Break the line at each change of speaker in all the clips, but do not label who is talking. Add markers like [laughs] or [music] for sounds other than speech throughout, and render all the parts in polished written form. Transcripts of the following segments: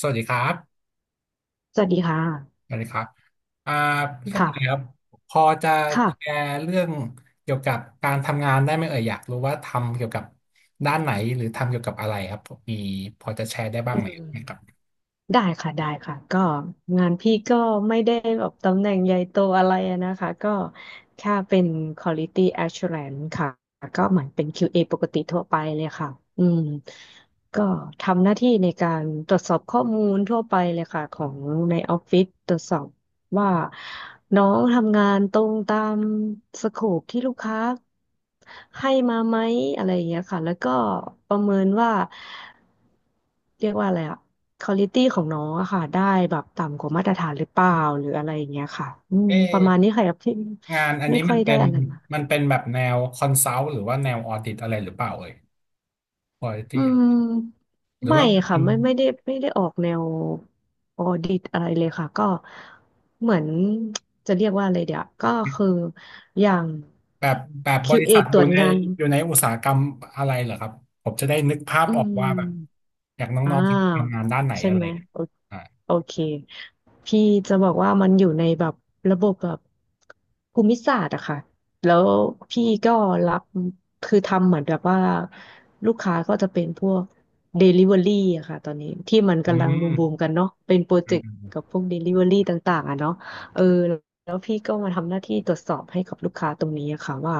สวัสดีครับ
สวัสดีค่ะ
สวัสดีครับอ่าพี่กระ
ค่ะ
ต่ายครับพอจะแช
ค่ะ
ร์เรื่องเกี่ยวกับการทำงานได้ไหมเอ่ยอยากรู้ว่าทำเกี่ยวกับด้านไหนหรือทำเกี่ยวกับอะไรครับมีพอจะแชร์ได้บ้าง
อื
ไหม
ม
ครับ
ได้ค่ะ ก็งานพี่ก็ไม่ได้แบบตำแหน่งใหญ่โตอะไรอะนะคะ ก็แค่เป็น Quality Assurance ค่ะ ก็เหมือนเป็น QA ปกติทั่วไปเลยค่ะ อืม ก็ทำหน้าที่ในการตรวจสอบข้อมูลทั่วไปเลยค่ะของในออฟฟิศตรวจสอบ ว่าน้องทำงานตรงตามสโคปที่ลูกค้าให้มาไหมอะไรอย่างเงี้ยค่ะแล้วก็ประเมินว่าเรียกว่าอะไรอะค u a l i t y ของน้องอะค่ะได้แบบต่ำกว่ามาตรฐานหรือเปล่าหรืออะไรอย่างเงี้ยค่ะอืม
เอ๊
ประมาณนี้
ะ
ค่ะที่
งานอัน
ไม่
นี้
ค่
มั
อ
น
ยได้
เป็น
อะไร
มันเป็นแบบแนวคอนซัลท์หรือว่าแนวออดิตอะไรหรือเปล่าเอ่ยพอ
อื
ที่
ม
หรือ
ไม่
ว่ามัน
ค่ะ
เป็น
ไม่ได้ออกแนวออดิตอะไรเลยค่ะก็เหมือนจะเรียกว่าอะไรเดี๋ยวก็คืออย่าง
แบบแบบบริ
QA
ษัท
ต
อ
ร
ยู่
วจ
ใน
งาน
อยู่ในอุตสาหกรรมอะไรเหรอครับผมจะได้นึกภาพ
อื
ออกว่าแบบ
ม
อยากน้
อ่
องๆที่ทำงา
า
นด้านไหน
ใช่
อะไร
ไหม
อย่างเงี้ย
โอเคพี่จะบอกว่ามันอยู่ในแบบระบบแบบภูมิศาสตร์อะค่ะแล้วพี่ก็รับคือทำเหมือนแบบว่าลูกค้าก็จะเป็นพวก Delivery อะค่ะตอนนี้ที่มัน
อื
กำลังบูมบูม
ม
กันเนาะเป็นโปร
อื
เจกต์กับ
ม
พวก Delivery ต่างๆอะเนาะเออแล้วพี่ก็มาทำหน้าที่ตรวจสอบให้กับลูกค้าตรงนี้อะค่ะว่า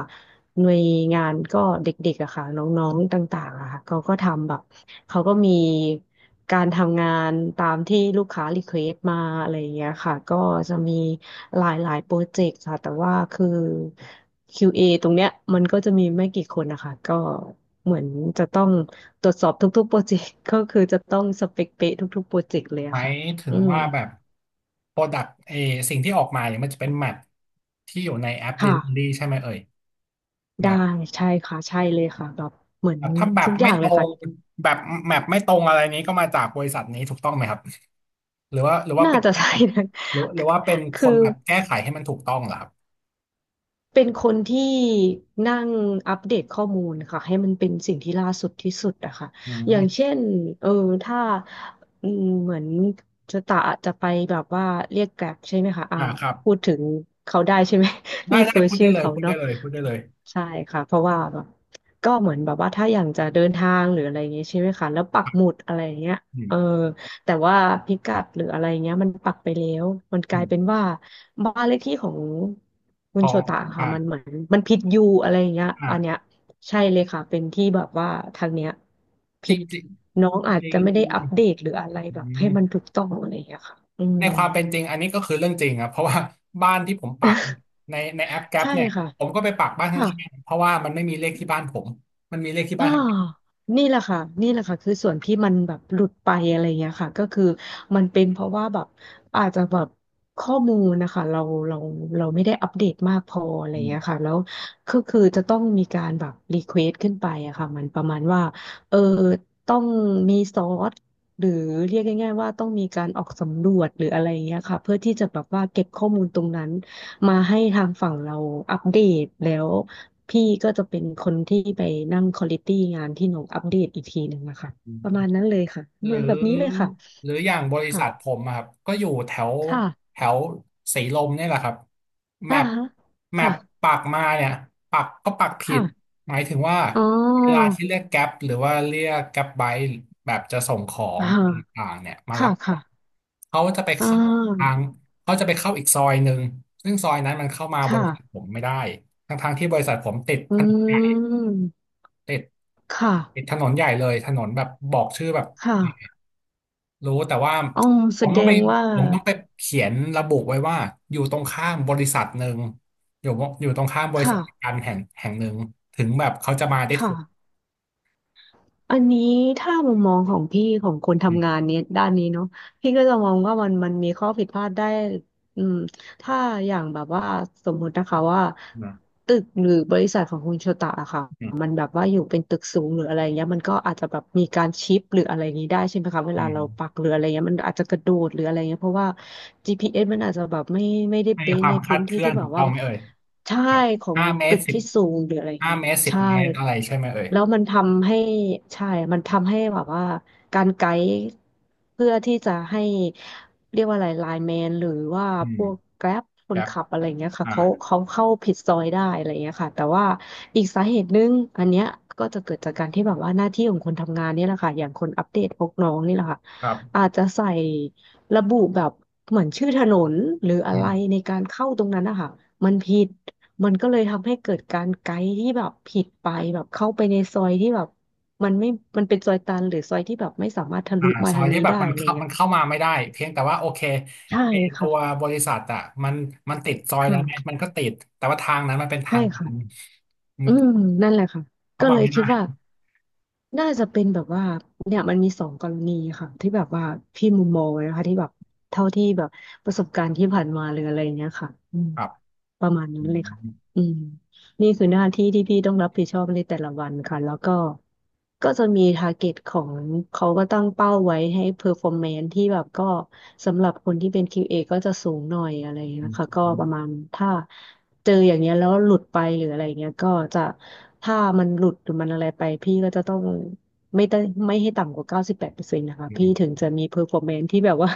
หน่วยงานก็เด็กๆอะค่ะน้องๆต่างๆอะค่ะเขาก็ทำแบบ เขาก็มีการทำงานตามที่ลูกค้ารีเควสมาอะไรอย่างเงี้ยค่ะก็จะมีหลายโปรเจกต์ค่ะแต่ว่าคือ QA ตรงเนี้ยมันก็จะมีไม่กี่คนนะคะก็เหมือนจะต้องตรวจสอบทุกๆโปรเจกต์ [laughs] ก็คือจะต้องสเปคเป๊ะทุกๆโปรเจกต์เลย
ห
อะ
มาย
ค่ะ
ถึง
อืม
ว่าแบบโปรดักต์สิ่งที่ออกมาเนี่ยมันจะเป็นแมทที่อยู่ในแอป
ค่ะ
Delivery ใช่ไหมเอ่ยแบ
ได้
บ
ใช่ค่ะใช่เลยค่ะแบบเหมือน
แบบถ้าแบบ
ทุกอ
ไม่
ย่าง
ต
เล
ร
ย
ง
ค่ะ
แบบแมปไม่ตรงอะไรนี้ก็มาจากบริษัทนี้ถูกต้องไหมครับหรือว่า
น่า
เป็น
จะ
แค่
ใช่นะ
หรือว่าเป็น
[laughs]
ค
คือ
นแบบแก้ไขให้มันถูกต้องเหรอครับ
เป็นคนที่นั่งอัปเดตข้อมูลค่ะให้มันเป็นสิ่งที่ล่าสุดที่สุดอะค่ะ
อื
อย่าง
ม
เช่นเออถ้าอืมเหมือนจะตะจะไปแบบว่าเรียกแกร็บใช่ไหมคะอ่า
อ่าครับ
พูดถึงเขาได้ใช่ไหม [laughs]
ได้
รีเฟ
ได้
อร์
พูด
ชื่
ได้
อ
เลย
เขา
พูดได้
เนาะ
เลยพูดได้เลย
ใช่ค่ะเพราะว่าแบบก็เหมือนแบบว่าถ้าอย่างจะเดินทางหรืออะไรอย่างเงี้ยใช่ไหมคะแล้วปักหมุดอะไรอย่างเงี้ย
อื
เอ
ม
อแต่ว่าพิกัดหรืออะไรเงี้ยมันปักไปแล้วมันก
อื
ลายเป็น
ม
ว่าบ้านเลขที่ของคุ
ข
ณ
อ
โช
ง
ตะค่ะ
อ่า
มันเหมือนมันผิดยูอะไรอย่างเงี้ยอันเนี้ย
อ่า
ใช่เลยค่ะเป็นที่แบบว่าทางเนี้ย
จ
ผิ
ริ
ด
งจริง
น้องอาจ
จริ
จะ
ง
ไม่ได้อัปเดตหรืออะไร
อื
แบบให้มันถู
ม
กต้องอะไรอย่างเงี้ยค่ะอืม
ในความเป็นจริงอันนี้ก็คือเรื่องจริงครับเพราะว่าบ้านที่ผมปักในแอป
[laughs]
แก๊ป
ใช่
เนี่ย
ค่ะ
ผมก็ไปปักบ้านข้
ค่ะ
างๆเพราะว่ามันไม่มีเลขที่บ้านผมมันมีเลขที่
อ่า
บ้านข้าง
นี่แหละค่ะนี่แหละค่ะคือส่วนที่มันแบบหลุดไปอะไรเงี้ยค่ะก็คือมันเป็นเพราะว่าแบบอาจจะแบบข้อมูลนะคะเราเราไม่ได้อัปเดตมากพออะไรเงี้ยค่ะแล้วก็คือจะต้องมีการแบบรีเควสขึ้นไปอะค่ะมันประมาณว่าเออต้องมีซอสหรือเรียกง่ายๆว่าต้องมีการออกสำรวจหรืออะไรเงี้ยค่ะเพื่อที่จะแบบว่าเก็บข้อมูลตรงนั้นมาให้ทางฝั่งเราอัปเดตแล้ว พี่ก็จะเป็นคนที่ไปนั่งควอลิตี้งานที่น้องอัปเดตอีกทีหนึ่งนะคะประมาณ
ๆ
นั้นเลยค่ะเห
ห
มือน
รื
แบบนี้เลย
อ
ค่ะ
หรืออย่างบริ
ค่ะ
ษัทผมอะครับก็อยู่แถว
ค่ะ
แถวศรีลมเนี่ยแหละครับแม
อ่า
ป
ฮะ
แม
ค่ะ
ปปักมาเนี่ยปักก็ปักผิด
ค่ะ
หมายถึงว่า
อ๋อ
เวลาที่เรียกแก๊ปหรือว่าเรียกแก๊ปไบค์แบบจะส่งขอ
อ่
งอะไร
า
ต่างๆเนี่ยมารั
ค่ะ
บข
ค่ะ
องเขาจะไป
อ่
เข้าทา
า
งเขาจะไปเข้าอีกซอยหนึ่งซึ่งซอยนั้นมันเข้ามา
ค
บริษัทผ
่ะ
มไม่ได้ทั้งๆที่บริษัทผมติด
อื
ถนนใหญ่
ม
ติด
ค่ะ
ติดถนนใหญ่เลยถนนแบบบอกชื่อแบบ
ค่ะ
รู้แต่ว่า
อ๋อ
ผ
แส
ม
ด
ต้องไป
งว่า
ผมต้องไปเขียนระบุไว้ว่าอยู่ตรงข้ามบริษัทหนึ่งอยู่อยู่ตรงข้ามบริ
ค่ะ
ษัทการแห่งหนึ่งถึงแบบเขาจะมาได้
ค่ะ
ถูก
อันนี้ถ้ามุมมองของพี่ของคน
อื
ทำงาน
ม
เนี้ยด้านนี้เนาะพี่ก็จะมองว่ามันมีข้อผิดพลาดได้อืมถ้าอย่างแบบว่าสมมตินะคะว่า
นะ
ตึกหรือบริษัทของคุณโชตะอะค่ะ
อืม
มันแบบว่าอยู่เป็นตึกสูงหรืออะไรเงี้ยมันก็อาจจะแบบมีการชิปหรืออะไรอย่างนี้ได้ใช่ไหมคะเว
อื
ลา
ม
เราปักหรืออะไรเงี้ยมันอาจจะกระโดดหรืออะไรเงี้ยเพราะว่า GPS มันอาจจะแบบไม่ได้
ไม่มี
เป๊ะ
ควา
ใน
มคลา
พื้
ด
น
เค
ที่
ลื่อน
ที่แบ
ถู
บ
กต้อ
ว่า
งไหมเอ่ย
ใช่
แบบ
ของ
ห้าเมต
ตึ
ร
ก
สิบ
ที่สูงหรืออะไร
ห้า
เงี้ย
เมตรสิบ
ใช่
เมตรอะไรใช่ไหมเอ่ย
แล้วมันทำให้ใช่มันทำให้แบบว่าการไกด์เพื่อที่จะให้เรียกว่าอะไรไลน์แมนหรือว่า
อื
พ
ม
วกแกร็บค
แบ
น
บ
ขับอะไรเงี้ยค่ะ
อ่า
เขาเข้าผิดซอยได้อะไรเงี้ยค่ะแต่ว่าอีกสาเหตุหนึงอันเนี้ยก็จะเกิดจากการที่แบบว่าหน้าที่ของคนทำงานนี่แหละค่ะอย่างคนอัปเดตพวกน้องนี่แหละค่ะ
ครับ
อาจจะใส่ระบุแบบเหมือนชื่อถนนหรืออะ
อื
ไร
ม
ในการเข้าตรงนั้นนะคะมันผิด มันก็เลยทำให้เกิดการไกด์ที่แบบผิดไปแบบเข้าไปในซอยที่แบบมันไม่มันเป็นซอยตันหรือซอยที่แบบไม่สามารถทะ
อ่า
ลุมา
ซอ
ทา
ย
ง
ที่
นี้
แบบ
ได้
มัน
อะไรอ
เข้า
ย่างเงี้
มั
ย
นเข้ามาไม่ได้เพียงแต่ว่าโอเค
ใช่
ไอตั
ค่ะ
วบริษัทอ่ะมันมันติดซอยนั้นไหม
ค่ะ
มันก็ติดแต่ว่าทางนั้นมันเป็นทา
ใช่
งตั
ค่ะ
น อื
อื
ม
มนั่นแหละค่ะ
เข้า
ก็เล
มา
ย
ไม่
คิด
ได้
ว่าน่าจะเป็นแบบว่าเนี่ยมันมีสองกรณีค่ะที่แบบว่าพี่มุมมองนะคะที่แบบเท่าที่แบบประสบการณ์ที่ผ่านมาหรืออะไรเงี้ยค่ะ
ครับ
ประมาณนั้
อื
นเลยค่ะ
ม
อืมนี่คือหน้าที่ที่พี่ต้องรับผิดชอบในแต่ละวันค่ะแล้วก็ก็จะมีทาร์เก็ตของเขาก็ตั้งเป้าไว้ให้เพอร์ฟอร์แมนซ์ที่แบบก็สำหรับคนที่เป็น QA ก็จะสูงหน่อยอะไรอย่างเงี้
อื
ย
ม
ค่ะก็
อืม
ประมาณถ้าเจออย่างเงี้ยแล้วหลุดไปหรืออะไรเงี้ยก็จะถ้ามันหลุดหรือมันอะไรไปพี่ก็จะต้องไม่ได้ไม่ให้ต่ำกว่า98%นะคะพี่ถึงจะมีเพอร์ฟอร์แมนซ์ที่แบบว่า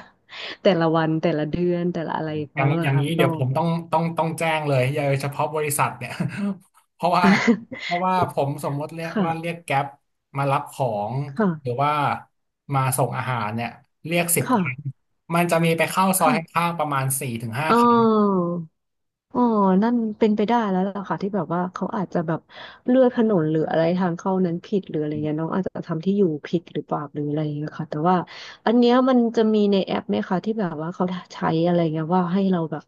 [laughs] แต่ละวันแต่ละเดือนแต่ละอะไรของ
อ
เขา
ย่าง
เล
อ
ย
ย่าง
ค่ะ
นี้
ก็
เดี๋ยวผมต้องแจ้งเลยอย่าเฉพาะบริษัทเนี่ย [laughs] เพราะว่า
[laughs]
เพราะว่าผมสมมติเรียก
ค่ะ
ว่าเรียกแก๊ปมารับของ
ค่ะ
หรือว่ามาส่งอาหารเนี่ยเรียกสิบค
ค่ะ
รั้งมันจะมีไปเข้าซอยข้า
ค่ะ
งๆประมาณสี่ถึงห้า
เ
ครั้ง
อออ๋อนั่นเป็นไปได้แล้วล่ะค่ะที่แบบว่าเขาอาจจะแบบเลือกถนนหรืออะไรทางเข้านั้นผิดหรืออะไรเงี้ยน้องอาจจะทำที่อยู่ผิดหรือเปล่าหรืออะไรเงี้ยค่ะแต่ว่าอันเนี้ยมันจะมีในแอปไหมคะที่แบบว่าเขาใช้อะไรเงี้ยว่าให้เราแบบ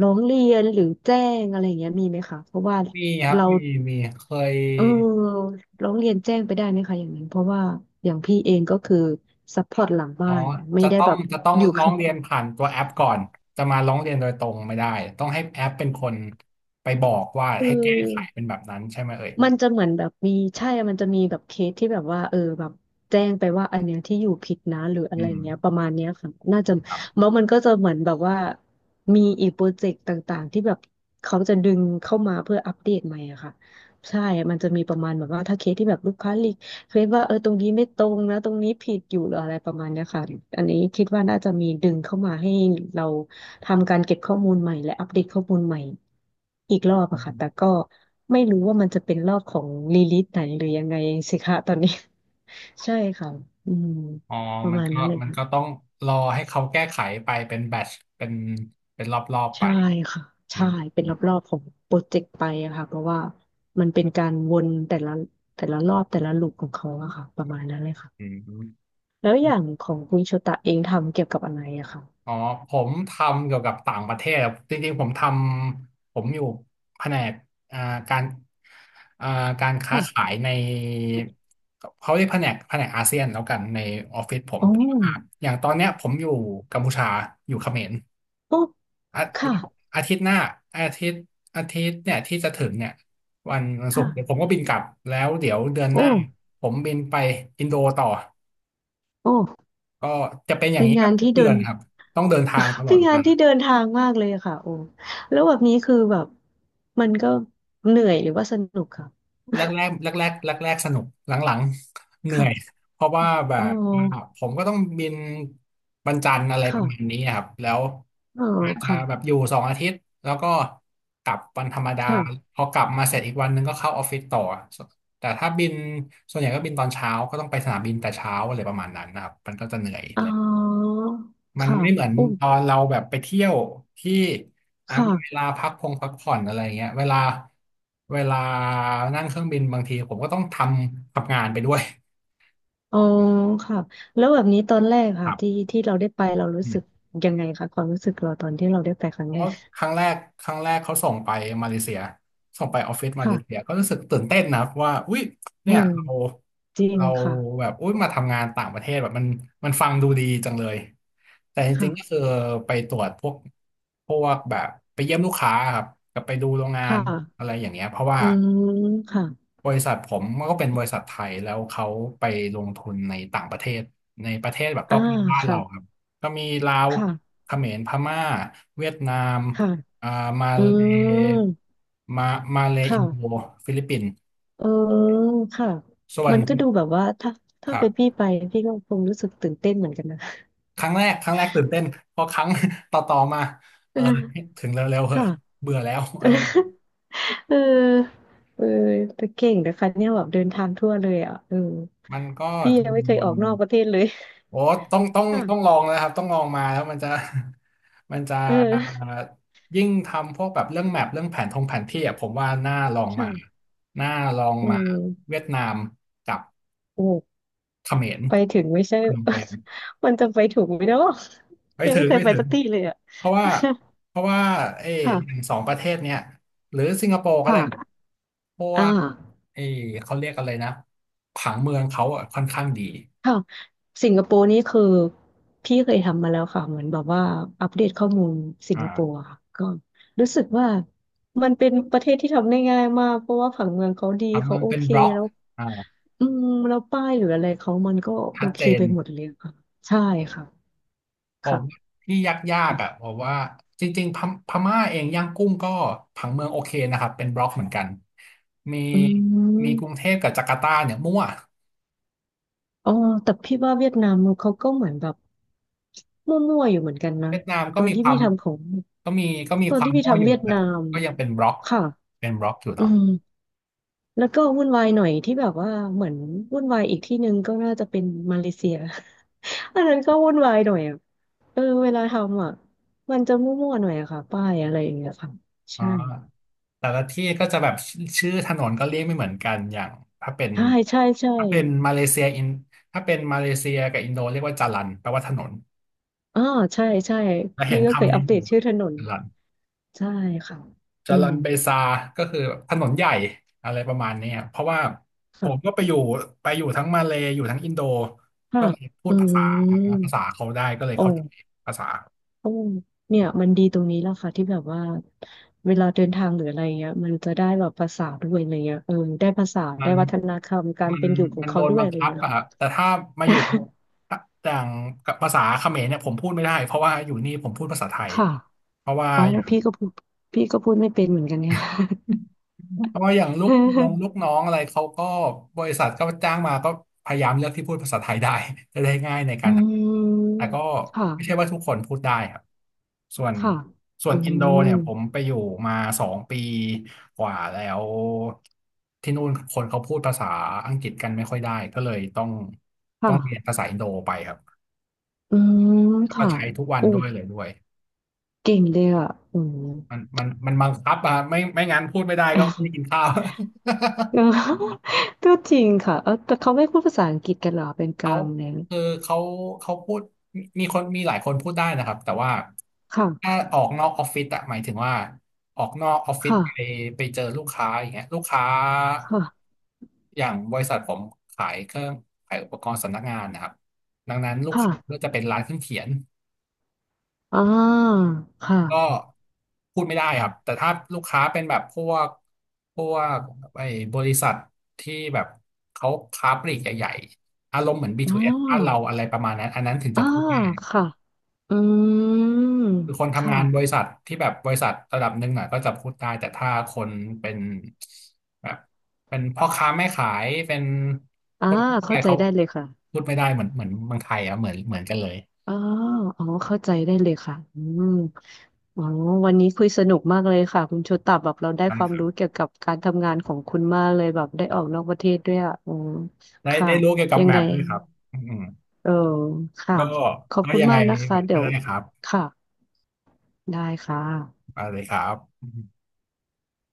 ร้องเรียนหรือแจ้งอะไรเงี้ยมีไหมคะเพราะว่า
มีครับ
เรา
มีเคย
เออร้องเรียนแจ้งไปได้ไหมคะอย่างนั้นเพราะว่าอย่างพี่เองก็คือซัพพอร์ตหลัง
อ๋
บ้า
อ
นไม่
จะ
ได้
ต้อ
แบ
ง
บ
จะต้อง
อยู่
ร้องเรียนผ่านตัวแอปก่อนจะมาร้องเรียนโดยตรงไม่ได้ต้องให้แอปเป็นคนไปบอกว่า
คือ
ให้แก้ไขเป็นแบบนั้นใช่ไหมเอ่ย
มันจะเหมือนแบบมีใช่มันจะมีแบบเคสที่แบบว่าเออแบบแจ้งไปว่าอันเนี้ยที่อยู่ผิดนะหรืออะ
อื
ไร
ม
เงี้ยประมาณเนี้ยค่ะน่าจะ
ครับ
แล้วมันก็จะเหมือนแบบว่ามีอีกโปรเจกต์ต่างๆที่แบบเขาจะดึงเข้ามาเพื่ออัปเดตใหม่อะค่ะใช่มันจะมีประมาณแบบว่าถ้าเคสที่แบบลูกค้ารี เคลมว่าเออตรงนี้ไม่ตรงนะตรงนี้ผิดอยู่หรืออะไรประมาณเนี้ยค่ะอันนี้คิดว่าน่าจะมีดึงเข้ามาให้เราทำการเก็บข้อมูลใหม่และอัปเดตข้อมูลใหม่อีกรอบ
อื
อะค่ะแต่
ม
ก็ไม่รู้ว่ามันจะเป็นรอบของรีลิสไหนหรือยังไงสิคะตอนนี้ [laughs] ใช่ค่ะอืม
อ๋อ
ประ
มัน
มาณ
ก็
นั้นเลย
มัน
ค่ะ
ก็ต้องรอให้เขาแก้ไขไปเป็นแบทช์เป็นรอบๆไป
ใช่ค่ะ
อื
ใช่
ม
เป็
อื
น
ม
รอบๆของโปรเจกต์ไปอะค่ะเพราะว่ามันเป็นการวนแต่ละแต่ละรอบแต่ละลูปของเขาอะค่ะประมาณนั้นเลยค่ะ
อืม
แล้วอย่างของคุณโชตะเองทำเกี่ยวกับอะไรอะคะ
อ๋อผมทำเกี่ยวกับต่างประเทศครับจริงๆผมอยู่แผนกอ่าการอ่าการค้าขา
ค่ะ
ยในเขาเรียกแผนกแผนกอาเซียนแล้วกันในออฟฟิศผม
โอ้
แต่ว่าอย่างตอนเนี้ยผมอยู่กัมพูชาอยู่เขมร
โอ้
อา
ค่ะ
อาทิตย์หน้าอาทิตย์อาทิตย์เนี่ยที่จะถึงเนี่ยวันศุก
ค่ะ
ร์เดี๋ยวผมก็บินกลับแล้วเดี๋ยวเดือน
โอ
หน้า
้
ผมบินไปอินโดต่อ
โอ้
ก็จะเป็นอย่าง
เป็น
นี้แบ
งา
บ
น
ทุก
ที่
เดื
เดิ
อ
น
นครับต้องเดินทางต
[laughs]
ล
เป็
อด
น
เว
งาน
ลา
ที่เดินทางมากเลยอะค่ะโอ้แล้วแบบนี้คือแบบมันก็เหนื่อยหรือว่าสนุกค่ะ
แรกๆสนุกหลังๆเห
[laughs]
นื่อย
ค่ะ
เพราะว่าแบ
อ๋อ
บว่าผมก็ต้องบินวันจันทร์อะไรประมาณนี้
ค่ะ
ครับแล้ว
อ๋อ
อาจจะ
ค่ะ
แบบอยู่2 อาทิตย์แล้วก็กลับวันธรรมดา
ค่ะ
พอกลับมาเสร็จอีกวันหนึงก็เข้าออฟฟิศต่อแต่ถ้าบินส่วนใหญ่ก็บินตอนเช้าก็ต้องไปสนามบินแต่เช้าอะไรประมาณนั้นนะครับมันก็จะเหนื่อย
อ๋อ
มัน
ค่ะ
ไม่เหมือน
อุ้ม
ตอนเราแบบไปเที่ยวที่อ่ะ
ค
มีเวลา
่ะ
พักผ่อนอะไรเงี้ยเวลานั่งเครื่องบินบางทีผมก็ต้องทำงานไปด้วย
อ๋อค่ะแล้วแบบนี้ตอนแรก
ค
ค่ะ
รั
ที่
บ
ที่เราได้ไปเรารู้สึกยังไงคะความรู้สึกเราตอนที่เราได้ไปครั้ง
เพ
แร
ราะ
ก
ครั้งแรกครั้งแรกเขาส่งไปมาเลเซียส่งไปออฟฟิศมาเลเซีย
ค่ะ
ก็รู้สึกตื่นเต้นนะว่าอุ้ย
อื
เนี่ย
ม
เรา
จริง
เรา
ค่ะ
แบบอุ้ยมาทำงานต่างประเทศแบบมันฟังดูดีจังเลยแต่จริงๆก็คื
ค่ะ
อไปตรวจพวกแบบไปเยี่ยมลูกค้าครับกับไปดูโรงงา
ค่
นอะ
ะ
ไรอย่างเงี้ยเพราะว่า
อืมค่ะ
บริษัทผมมันก็เป็นบริษัทไทยแล้วเขาไปลงทุนในต่างประเทศในประเทศแบบร
อ่า
อบๆบ้าน
ค่ะ
เราครับก็มีลาว
ค่ะ
เขมรพม่าเวียดนาม
ค่ะ
อ่ามา
อื
เล
ม
มามาเลอิ
ค่ะ
นโดฟิลิปปินส์
เออค่ะ
ส่วน
มันก็ดูแบบว่าถ้า
ค
ถ้า
รั
เป็น
บ
พี่ไปพี่ก็คงรู้สึกตื่นเต้นเหมือนกันนะ
ครั้งแรกครั้งแรกตื่นเต้นพอครั้ง [laughs] ต่อมาเอ
[laughs]
อ
เออ
ถึงเร็วๆเหอะ
ค่ะ
เบื่อแล้วอะไร
[laughs] เออเออแต่เก่งนะคะเนี่ยแบบเดินทางทั่วเลยอ่ะเออ
มันก็
พี่
จะ
ยังไม่เค
ว
ยอ
น
อกนอกประเทศเลย
โอ้ต้องต้อง
[laughs]
ต้องลอ
ค่ะ
งนะครับต้องลองมาแล้วมันจะ [laughs] มันจะ
เออ
ยิ่งทำพวกแบบเรื่องแมปเรื่องแผนทงแผนที่อ่ะผมว่าน่าลองมา
ค่ะ
น่าลอง
อื
มาเวี
ม
ยดนามกับ
โอ้
เขมร
ไปถึงไม่ใช่
พนมเปญ
[laughs] มันจะไปถูกไหมเนาะ
ไม่
ยัง
ถึ
ไม่
ง
เคย
ไม่
ไป
ถึ
สั
ง
กที่เลยอ่ะ
เพราะว่าเพราะว่า
[laughs]
เออ
ค่ะ
อย่างสองประเทศเนี่ยหรือสิงคโปร์ก็ได้
ค่ะ
เพราะ
อ่า
ว่าเออเขาเรียกอะไรนะผังเมืองเขาอ่ะค่อนข้างดี
ค่ะสิงคโปร์นี่คือพี่เคยทำมาแล้วค่ะเหมือนแบบว่าอัปเดตข้อมูลสิงคโปร์
อ่า
อะค่ะก็รู้สึกว่ามันเป็นประเทศที่ทำได้ง่ายมากเพราะว่าผังเมืองเขาดี
ผัง
เขา
เมือง
โอ
เป็น
เค
บล็อก
แล้ว
อ่า
อืมแล้วป้ายหรืออะไรเขามันก็โอ
ชัด
เค
เจน
ไปหมดเลยค่ะใช่ค่ะ
ผมว่า
ค่ะ
ที่ยากๆอ่ะผมว่าจริงๆพม่าเองย่างกุ้งก็ผังเมืองโอเคนะครับเป็นบล็อกเหมือนกันมี
อื
มีกรุงเท
ม
พกับจาการ์ตาเนี่ยมั่ว
อ๋อแต่พี่ว่าเวียดนามเขาก็เหมือนแบบมั่วๆอยู่เหมือนกันนะ
เวียดนาม
ต
ก็
อน
มี
ที่
ควา
พี่
ม
ทำของ
ก็มีก็มี
ตอ
ค
น
วา
ที่
ม
พี่
มั่วอ
ทำ
ยู่
เวียด
แต่
นาม
ก็ยังเป็นบล็อก
ค่ะ
เป็นบล็อกอยู่
อื
เนาะ
มแล้วก็วุ่นวายหน่อยที่แบบว่าเหมือนวุ่นวายอีกที่หนึ่งก็น่าจะเป็นมาเลเซีย [laughs] อันนั้นก็วุ่นวายหน่อยอ่ะเออเวลาทำอ่ะมันจะมั่วๆหน่อยอะค่ะป้ายอะไรอย่างเงี้ยค่ะ
อ่า
ใช่
แต่ละที่ก็จะแบบชื่อถนนก็เรียกไม่เหมือนกันอย่างถ้าเป็น
ใช่ใช่ใช่
ถ้าเป็นมาเลเซียอินถ้าเป็นมาเลเซียกับอินโดเรียกว่าจารันแปลว่าถนน
อ่าใช่ใช่
แล้ว
พี่
เห็น
ก็เคย
คำ
อั
นี้
ป
อ
เดต
ยู่ไหม
ชื่อถนน
จารัน
ใช่ค่ะอื
จารั
ม
นเบซาก็คือแบบถนนใหญ่อะไรประมาณเนี้ยเพราะว่าผ
ค่ะ
มก็ไปอยู่ทั้งมาเลย์อยู่ทั้งอินโด
ค่ะ
ก็เลยพู
อื
ดภาษา
ม
ภาษาเขาได้ก็เลย
โ
เข้าใจ
อ้
ภาษา
โอ้เนี่ยมันดีตรงนี้แหละค่ะที่แบบว่าเวลาเดินทางหรืออะไรเงี้ยมันจะได้แบบภาษาด้วยอะไรเงี้ยเออได้ภาษา
มั
ได้
น
วัฒนธรรมการ
มัน
เป็นอยู่ของ
มันโด
เขา
น
ด้ว
บั
ย
ง
อะไร
คับ
เงี้ย
อะค
ค่ะ
รับ แต่ถ้ามาอยู่กับอย่างกับภาษาเขมรเนี่ยผมพูดไม่ได้เพราะว่าอยู่นี่ผมพูดภาษาไทย
ค่ะ
เพราะว่า
อ๋อ
อย่าง
พี่ก็พูดพี่ก็พูดไม่เป็นเหมือนกันเนี่ย
[laughs] ก็อย่างลูกน้องลูก
[laughs]
น้องอะไรเขาก็บริษัทก็จ้างมาก็พยายามเลือกที่พูดภาษาไทยได้ [laughs] จะได้ง่ายในกา
อื
รทำแต่
ม
ก็
ค่ะ
ไม่ใช่ว่าทุกคนพูดได้ครับส่วน
ค่ะ
ส่ว
อื
นอินโดเนี่ยผม
ม
ไปอยู่มาสองปีกว่าแล้วที่นู่นคนเขาพูดภาษาอังกฤษกันไม่ค่อยได้ก็เลยต้องเรียน
ค่ะ
ภาษาอินโดไปครับ
อืม
ก็
ค่ะ
ใช้ทุกวัน
โอ้
ด้วยเลยด้วย
เก่งเลยอ่ะอืม
มันบังคับอะไม่งั้นพูดไม่ได้ก็ไม่ได้กินข้าว
[laughs] เออ [laughs] ก็จริงค่ะเออแต่เขาไม่พูดภาษาอังกฤษกันเหรอเป็นก
เขา
ลางเนี่ย
คือเขาพูดมีมีคนมีหลายคนพูดได้นะครับแต่ว่าถ้า
ค่ะ
ออกนอกออฟฟิศอะหมายถึงว่าออกนอกออฟฟิศ
ค่ะ
ไปไปเจอลูกค้าอย่างเงี้ยลูกค้า
ค่ะ
อย่างบริษัทผมขายเครื่องขายอุปกรณ์สำนักงานนะครับดังนั้นลูกค้าก็
ค่ะ
จะเป็นร้านเครื่องเขียน
อ่าค่ะ
ก็พูดไม่ได้ครับแต่ถ้าลูกค้าเป็นแบบพวกไอ้บริษัทที่แบบเขาค้าปลีกใหญ่ๆอารมณ์เหมือน
อ่
B2S บ้านเรา
า
อะไรประมาณนั้นอันนั้นถึงจะ
อ่า
พูดได้ครับ
ค่ะอืม
คือคน
ค
ทำงานบริ
่ะ
ษัทที่แบบบริษัทระดับหนึ่งอ่ะก็จะพูดได้แต่ถ้าคนเป็นแบบเป็นพ่อค้าแม่ขายเป็น
อ่า
คนทั่วไป
เข้าใจ
เขา
ได้เลยค่ะ
พูดไม่ได้เหมือนเมืองไทยอ่ะเหมือนกันเลย
อ๋ออ๋อเข้าใจได้เลยค่ะอืมอ๋อวันนี้คุยสนุกมากเลยค่ะคุณโชตับแบบเราได้
นะ
ควา
ค
ม
รั
รู้เกี่
บ
ยวกับการทำงานของคุณมากเลยแบบได้ออกนอกประเทศด้วยอ่ะอืม
ได้
ค่ะ
ได้รู้เกี่ยวกับ
ยัง
แม
ไง
ปด้วยครับอืม
เออค่ะ
ก็
ขอบ
ก็
คุณ
ยังไง
มากนะ
เห
คะ
มือนก็
เดี๋ยว
ได้ครับ
ค่ะได้ค่ะ
มาเลยครับ